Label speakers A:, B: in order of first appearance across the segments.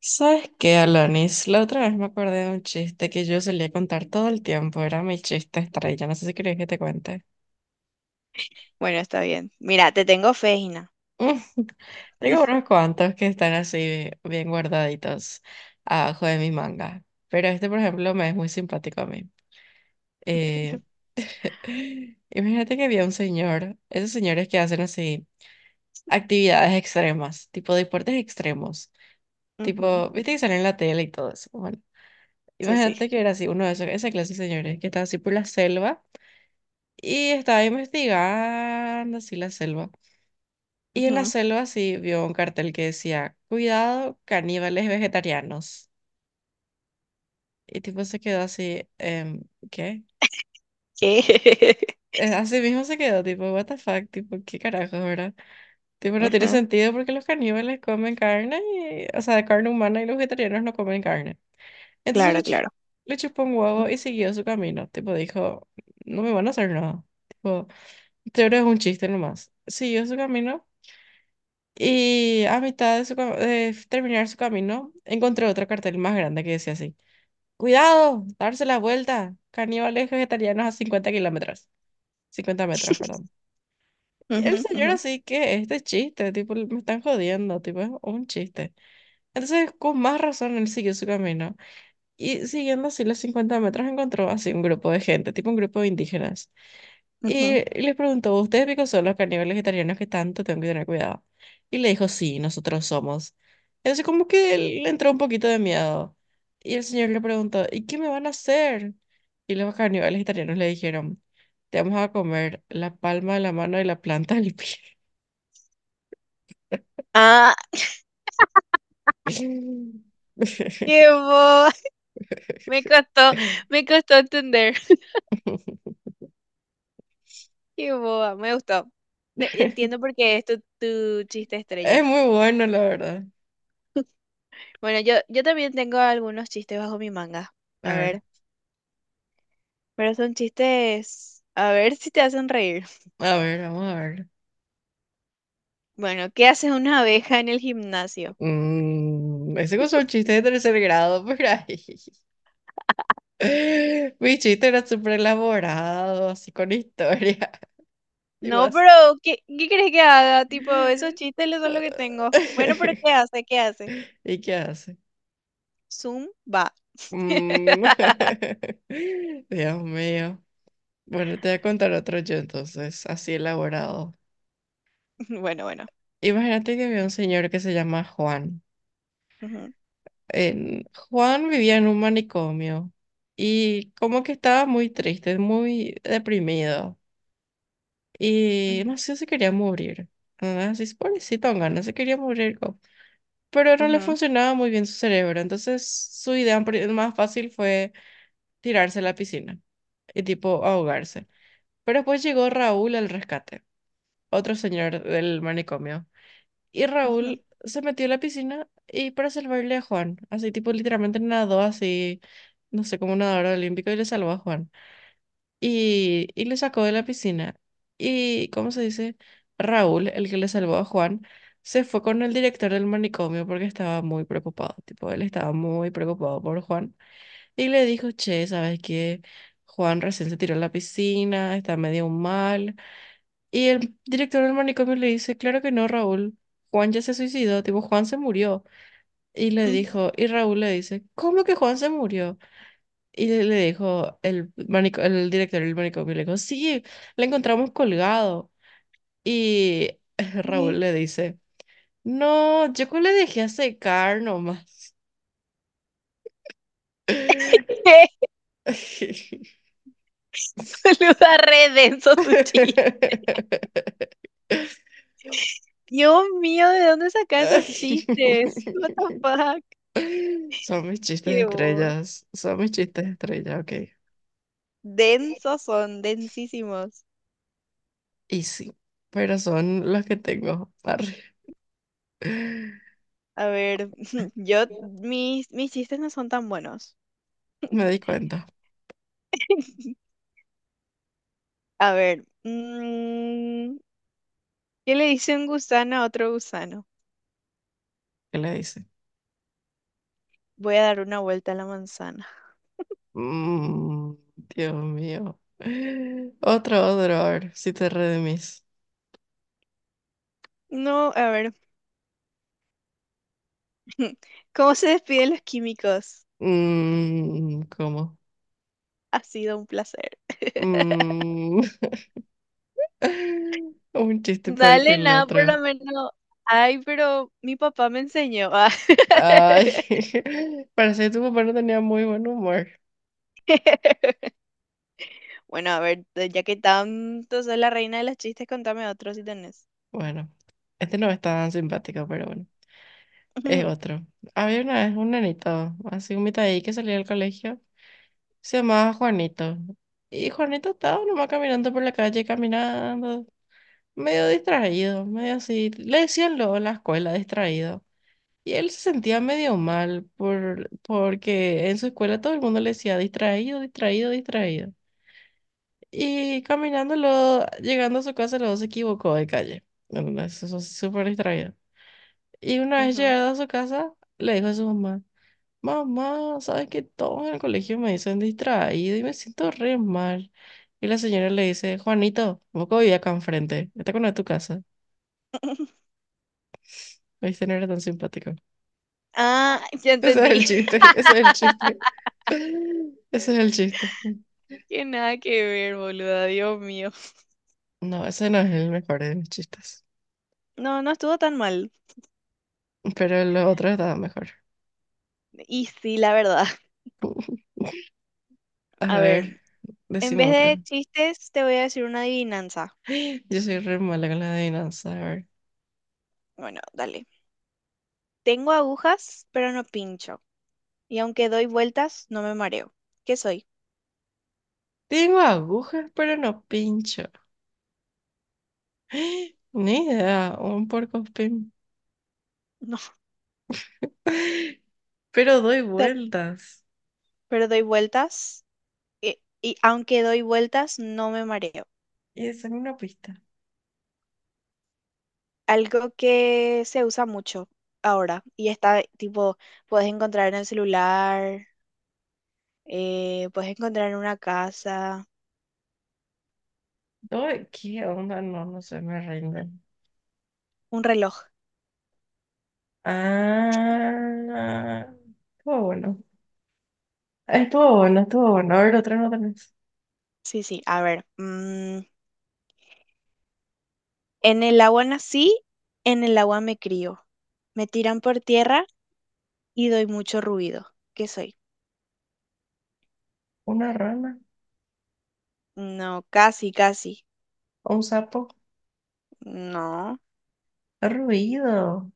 A: ¿Sabes qué, Alanis? La otra vez me acordé de un chiste que yo solía contar todo el tiempo. Era mi chiste estrella. No sé si querés que te cuente.
B: Bueno, está bien. Mira, te tengo fe, Gina.
A: Tengo unos cuantos que están así bien guardaditos abajo de mi manga. Pero este, por ejemplo, me es muy simpático a mí. Eh,
B: Bueno.
A: Imagínate que había un señor, esos señores que hacen así actividades extremas, tipo deportes extremos.
B: Ujú.
A: Tipo, viste que salen en la tele y todo eso. Bueno,
B: Sí, sí.
A: imagínate que era así, uno de esos, esa clase de señores, que estaba así por la selva y estaba investigando así la selva. Y en la
B: Ujú.
A: selva así vio un cartel que decía, cuidado, caníbales vegetarianos. Y tipo se quedó así, ¿qué?
B: ¿Qué?
A: Así mismo se quedó, tipo, what the fuck, tipo, ¿qué carajo, verdad? Tipo, no tiene
B: Ajá.
A: sentido porque los caníbales comen carne, o sea, carne humana y los vegetarianos no comen carne. Entonces le,
B: Claro,
A: chu-
B: claro.
A: Le chupó un
B: Ujú,
A: huevo y siguió su camino, tipo, dijo, no me van a hacer nada. Teoro es un chiste nomás. Siguió su camino y a mitad de, su ca- de terminar su camino encontró otro cartel más grande que decía así: ¡Cuidado! ¡Darse la vuelta! Caníbales vegetarianos a 50 kilómetros. 50 metros, perdón. Y el señor
B: ujú,
A: así que este chiste, tipo, me están jodiendo, tipo, es un chiste. Entonces, con más razón, él siguió su camino. Y siguiendo así los 50 metros encontró así un grupo de gente, tipo un grupo de indígenas.
B: ujú.
A: Y les preguntó, ¿ustedes qué son los carnívoros vegetarianos que tanto tengo que tener cuidado? Y le dijo, sí, nosotros somos. Entonces como que le entró un poquito de miedo. Y el señor le preguntó, ¿y qué me van a hacer? Y los carnívoros vegetarianos le dijeron, te vamos a comer la palma de la mano y la planta del pie.
B: Ah, qué boba. Me costó, me costó entender. Qué boba, me gustó. Te- entiendo por qué es tu chiste
A: Es
B: estrella.
A: muy bueno, la verdad.
B: Bueno, yo también tengo algunos chistes bajo mi manga.
A: A
B: A
A: ver,
B: ver, pero son chistes. A ver si te hacen reír.
A: a ver, vamos a ver.
B: Bueno, ¿qué hace una abeja en el gimnasio?
A: Mm, ese es un chiste de tercer grado por ahí. Mi chiste era súper elaborado, así con historia y
B: No,
A: vas
B: pero ¿qué crees que haga? Tipo, esos chistes lo- son lo que tengo. Bueno, pero ¿qué hace? ¿Qué hace?
A: ¿Y qué hace?
B: Zoom va.
A: Mm. Dios mío. Bueno, te voy a contar otro yo entonces, así elaborado.
B: Bueno, bueno.
A: Imagínate que había un señor que se llama Juan.
B: Ujú,
A: En- Juan vivía en un manicomio y como que estaba muy triste, muy deprimido y no sé, se quería morir. Así, pobrecito, no se quería morir, pero no le
B: ujú,
A: funcionaba muy bien su cerebro. Entonces su más fácil fue tirarse a la piscina y tipo ahogarse. Pero después llegó Raúl al rescate, otro señor del manicomio. Y
B: ujú, ujú,
A: Raúl se metió a la piscina y para salvarle a Juan, así tipo literalmente nadó así, no sé, como un nadador olímpico y le salvó a Juan y le sacó de la piscina. Y, ¿cómo se dice? Raúl, el que le salvó a Juan, se fue con el director del manicomio porque estaba muy preocupado. Tipo, él estaba muy preocupado por Juan. Y le dijo, che, ¿sabes qué? Juan recién se tiró a la piscina, está medio mal. Y el director del manicomio le dice, claro que no, Raúl. Juan ya se suicidó, tipo, Juan se murió. Y le
B: ujú.
A: dijo, y Raúl le dice, ¿cómo que Juan se murió? Y le dijo el director del manicomio, le dijo, sí, le encontramos colgado. Y
B: Eh,
A: Raúl le dice, no, yo que le dejé a secar nomás.
B: eh, Boluda, re denso tu chiste. Dios mío, ¿de dónde sacas esos chistes? What the fuck?
A: Son mis chistes de
B: Qué bobo.
A: estrellas, son mis chistes de estrella, ok.
B: Densos son, densísimos.
A: Y sí, pero son los que tengo. Arre.
B: A ver, yo, mis chistes no son tan buenos.
A: Me di cuenta
B: A ver, ¿qué le dice un gusano a otro gusano?
A: que le hice.
B: Voy a dar una vuelta a la manzana.
A: Mm, Dios mío. Otro, otro, a ver si te redimís.
B: No, a ver, ¿cómo se despiden los químicos?
A: Mm, ¿cómo?
B: Ha sido un placer.
A: Mm, un chiste peor que
B: Dale,
A: el
B: nada, por
A: otro.
B: lo menos. Ay, pero mi papá me enseñó. Ah.
A: Ay, parece que tu papá no tenía muy buen humor.
B: Bueno, a ver, ya que tanto soy la reina de los chistes, contame otro si tenés.
A: Bueno, este no es tan simpático, pero bueno, es otro. Había una vez un nenito, así un mitad ahí que salía del colegio. Se llamaba Juanito. Y Juanito estaba nomás caminando por la calle, caminando, medio distraído, medio así. Le decían luego en la escuela distraído. Y él se sentía medio mal porque en su escuela todo el mundo le decía distraído, distraído, distraído. Y caminando, luego, llegando a su casa, luego se equivocó de calle. Bueno, eso es súper distraído. Y una vez
B: Ujú.
A: llegado a su casa, le dijo a su mamá, mamá, ¿sabes que todos en el colegio me dicen distraído y me siento re mal? Y la señora le dice, Juanito, vos que vivís acá enfrente, esta acá no es tu casa. Viste, no era tan simpático.
B: Ah, ya
A: Ese es el
B: entendí.
A: chiste, ese es el chiste. Ese es el chiste.
B: Que nada que ver, boluda, Dios mío.
A: No, ese no es el mejor de mis chistes.
B: No, no estuvo tan mal.
A: Pero el otro estaba mejor.
B: Y sí, la verdad.
A: A
B: A ver,
A: ver,
B: en
A: decime
B: vez
A: otro.
B: de chistes, te voy a decir una adivinanza.
A: Yo soy re mala con la adivinanza. A ver.
B: Bueno, dale. Tengo agujas, pero no pincho. Y aunque doy vueltas, no me mareo. ¿Qué soy?
A: Tengo agujas, pero no pincho. Ni idea, un porcospín.
B: No,
A: Pero doy
B: te-
A: vueltas.
B: pero doy vueltas. Y aunque doy vueltas, no me mareo.
A: Y esa es una pista.
B: Algo que se usa mucho ahora. Y está, tipo, puedes encontrar en el celular. Puedes encontrar una casa,
A: Doy, ¿qué onda? No, no sé, me rindo.
B: un reloj.
A: Ah, estuvo bueno. Estuvo bueno, estuvo bueno. A ver, otra no tenés.
B: Sí, sí, a ver. En el agua nací, en el agua me crío. Me tiran por tierra y doy mucho ruido. ¿Qué soy?
A: Una rana,
B: No, casi, casi.
A: un sapo,
B: No,
A: ruido.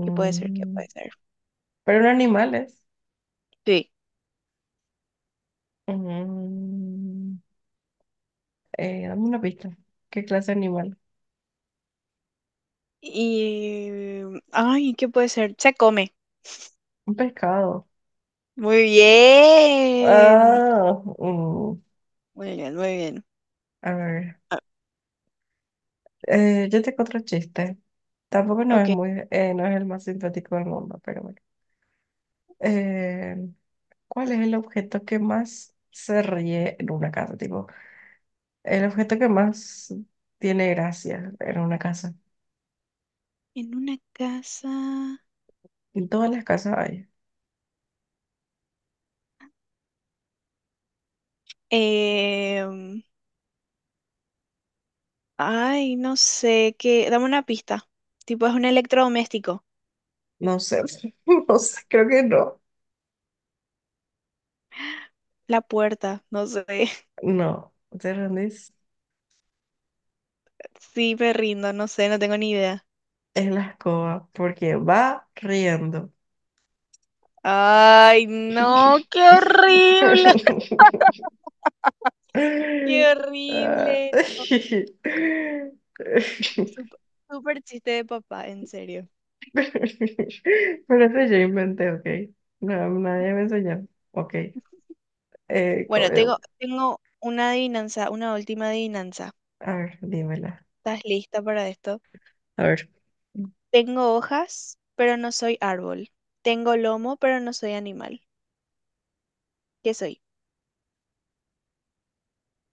B: ¿qué puede ser? ¿Qué puede ser?
A: pero no animales.
B: Sí.
A: Mm, dame una pista. ¿Qué clase de animal?
B: Y... Ay, ¿qué puede ser? Se come.
A: Un pescado.
B: Muy bien.
A: Ah, mm,
B: Muy bien, muy bien.
A: a ver.
B: Ah,
A: Yo tengo otro chiste. Tampoco no es
B: ok.
A: muy, no es el más simpático del mundo, pero bueno. Eh, ¿cuál es el objeto que más se ríe en una casa? Tipo, el objeto que más tiene gracia en una casa.
B: En una casa.
A: En todas las casas hay.
B: em, Ay, no sé, qué. Dame una pista. Tipo, es un electrodoméstico.
A: No sé, no sé, creo que no.
B: La puerta, no sé.
A: No, te rendís.
B: Sí, me rindo, no sé, no tengo ni idea.
A: Es la escoba, porque va riendo.
B: Ay, no, qué horrible, qué
A: Ah,
B: horrible.
A: pero
B: Este es Súper súper chiste de papá, en serio.
A: eso yo inventé, ok. No, nadie me enseñó. Ok. Eh, co-
B: Bueno,
A: eh,
B: tengo una adivinanza, una última adivinanza.
A: A ver, dímela.
B: ¿Estás lista para esto?
A: A ver,
B: Tengo hojas, pero no soy árbol. Tengo lomo, pero no soy animal. ¿Qué soy?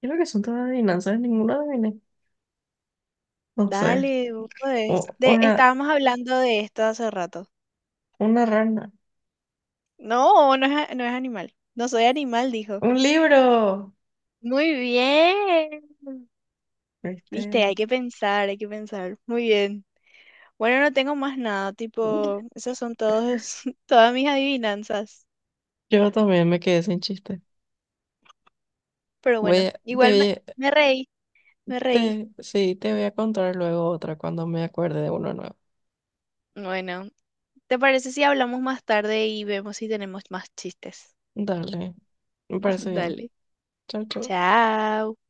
A: creo que son todas adivinanzas, ninguna adiviné. No sé.
B: Dale, vos
A: O-
B: De,
A: una,
B: estábamos hablando de esto hace rato.
A: una rana.
B: No, no es, a- no es animal. No soy animal, dijo.
A: ¡Un libro!
B: Muy bien.
A: ¿Viste?
B: Viste, hay que pensar, hay que pensar. Muy bien. Bueno, no tengo más nada, tipo, esas son todos, todas mis adivinanzas.
A: Yo también me quedé sin chiste.
B: Pero
A: Voy
B: bueno,
A: a, te,
B: igual me,
A: voy a-
B: me reí, me reí.
A: Te, sí, te voy a contar luego otra cuando me acuerde de uno nuevo.
B: Bueno, ¿te parece si hablamos más tarde y vemos si tenemos más chistes?
A: Dale, me parece bien.
B: Dale.
A: Chao, chao.
B: Chao.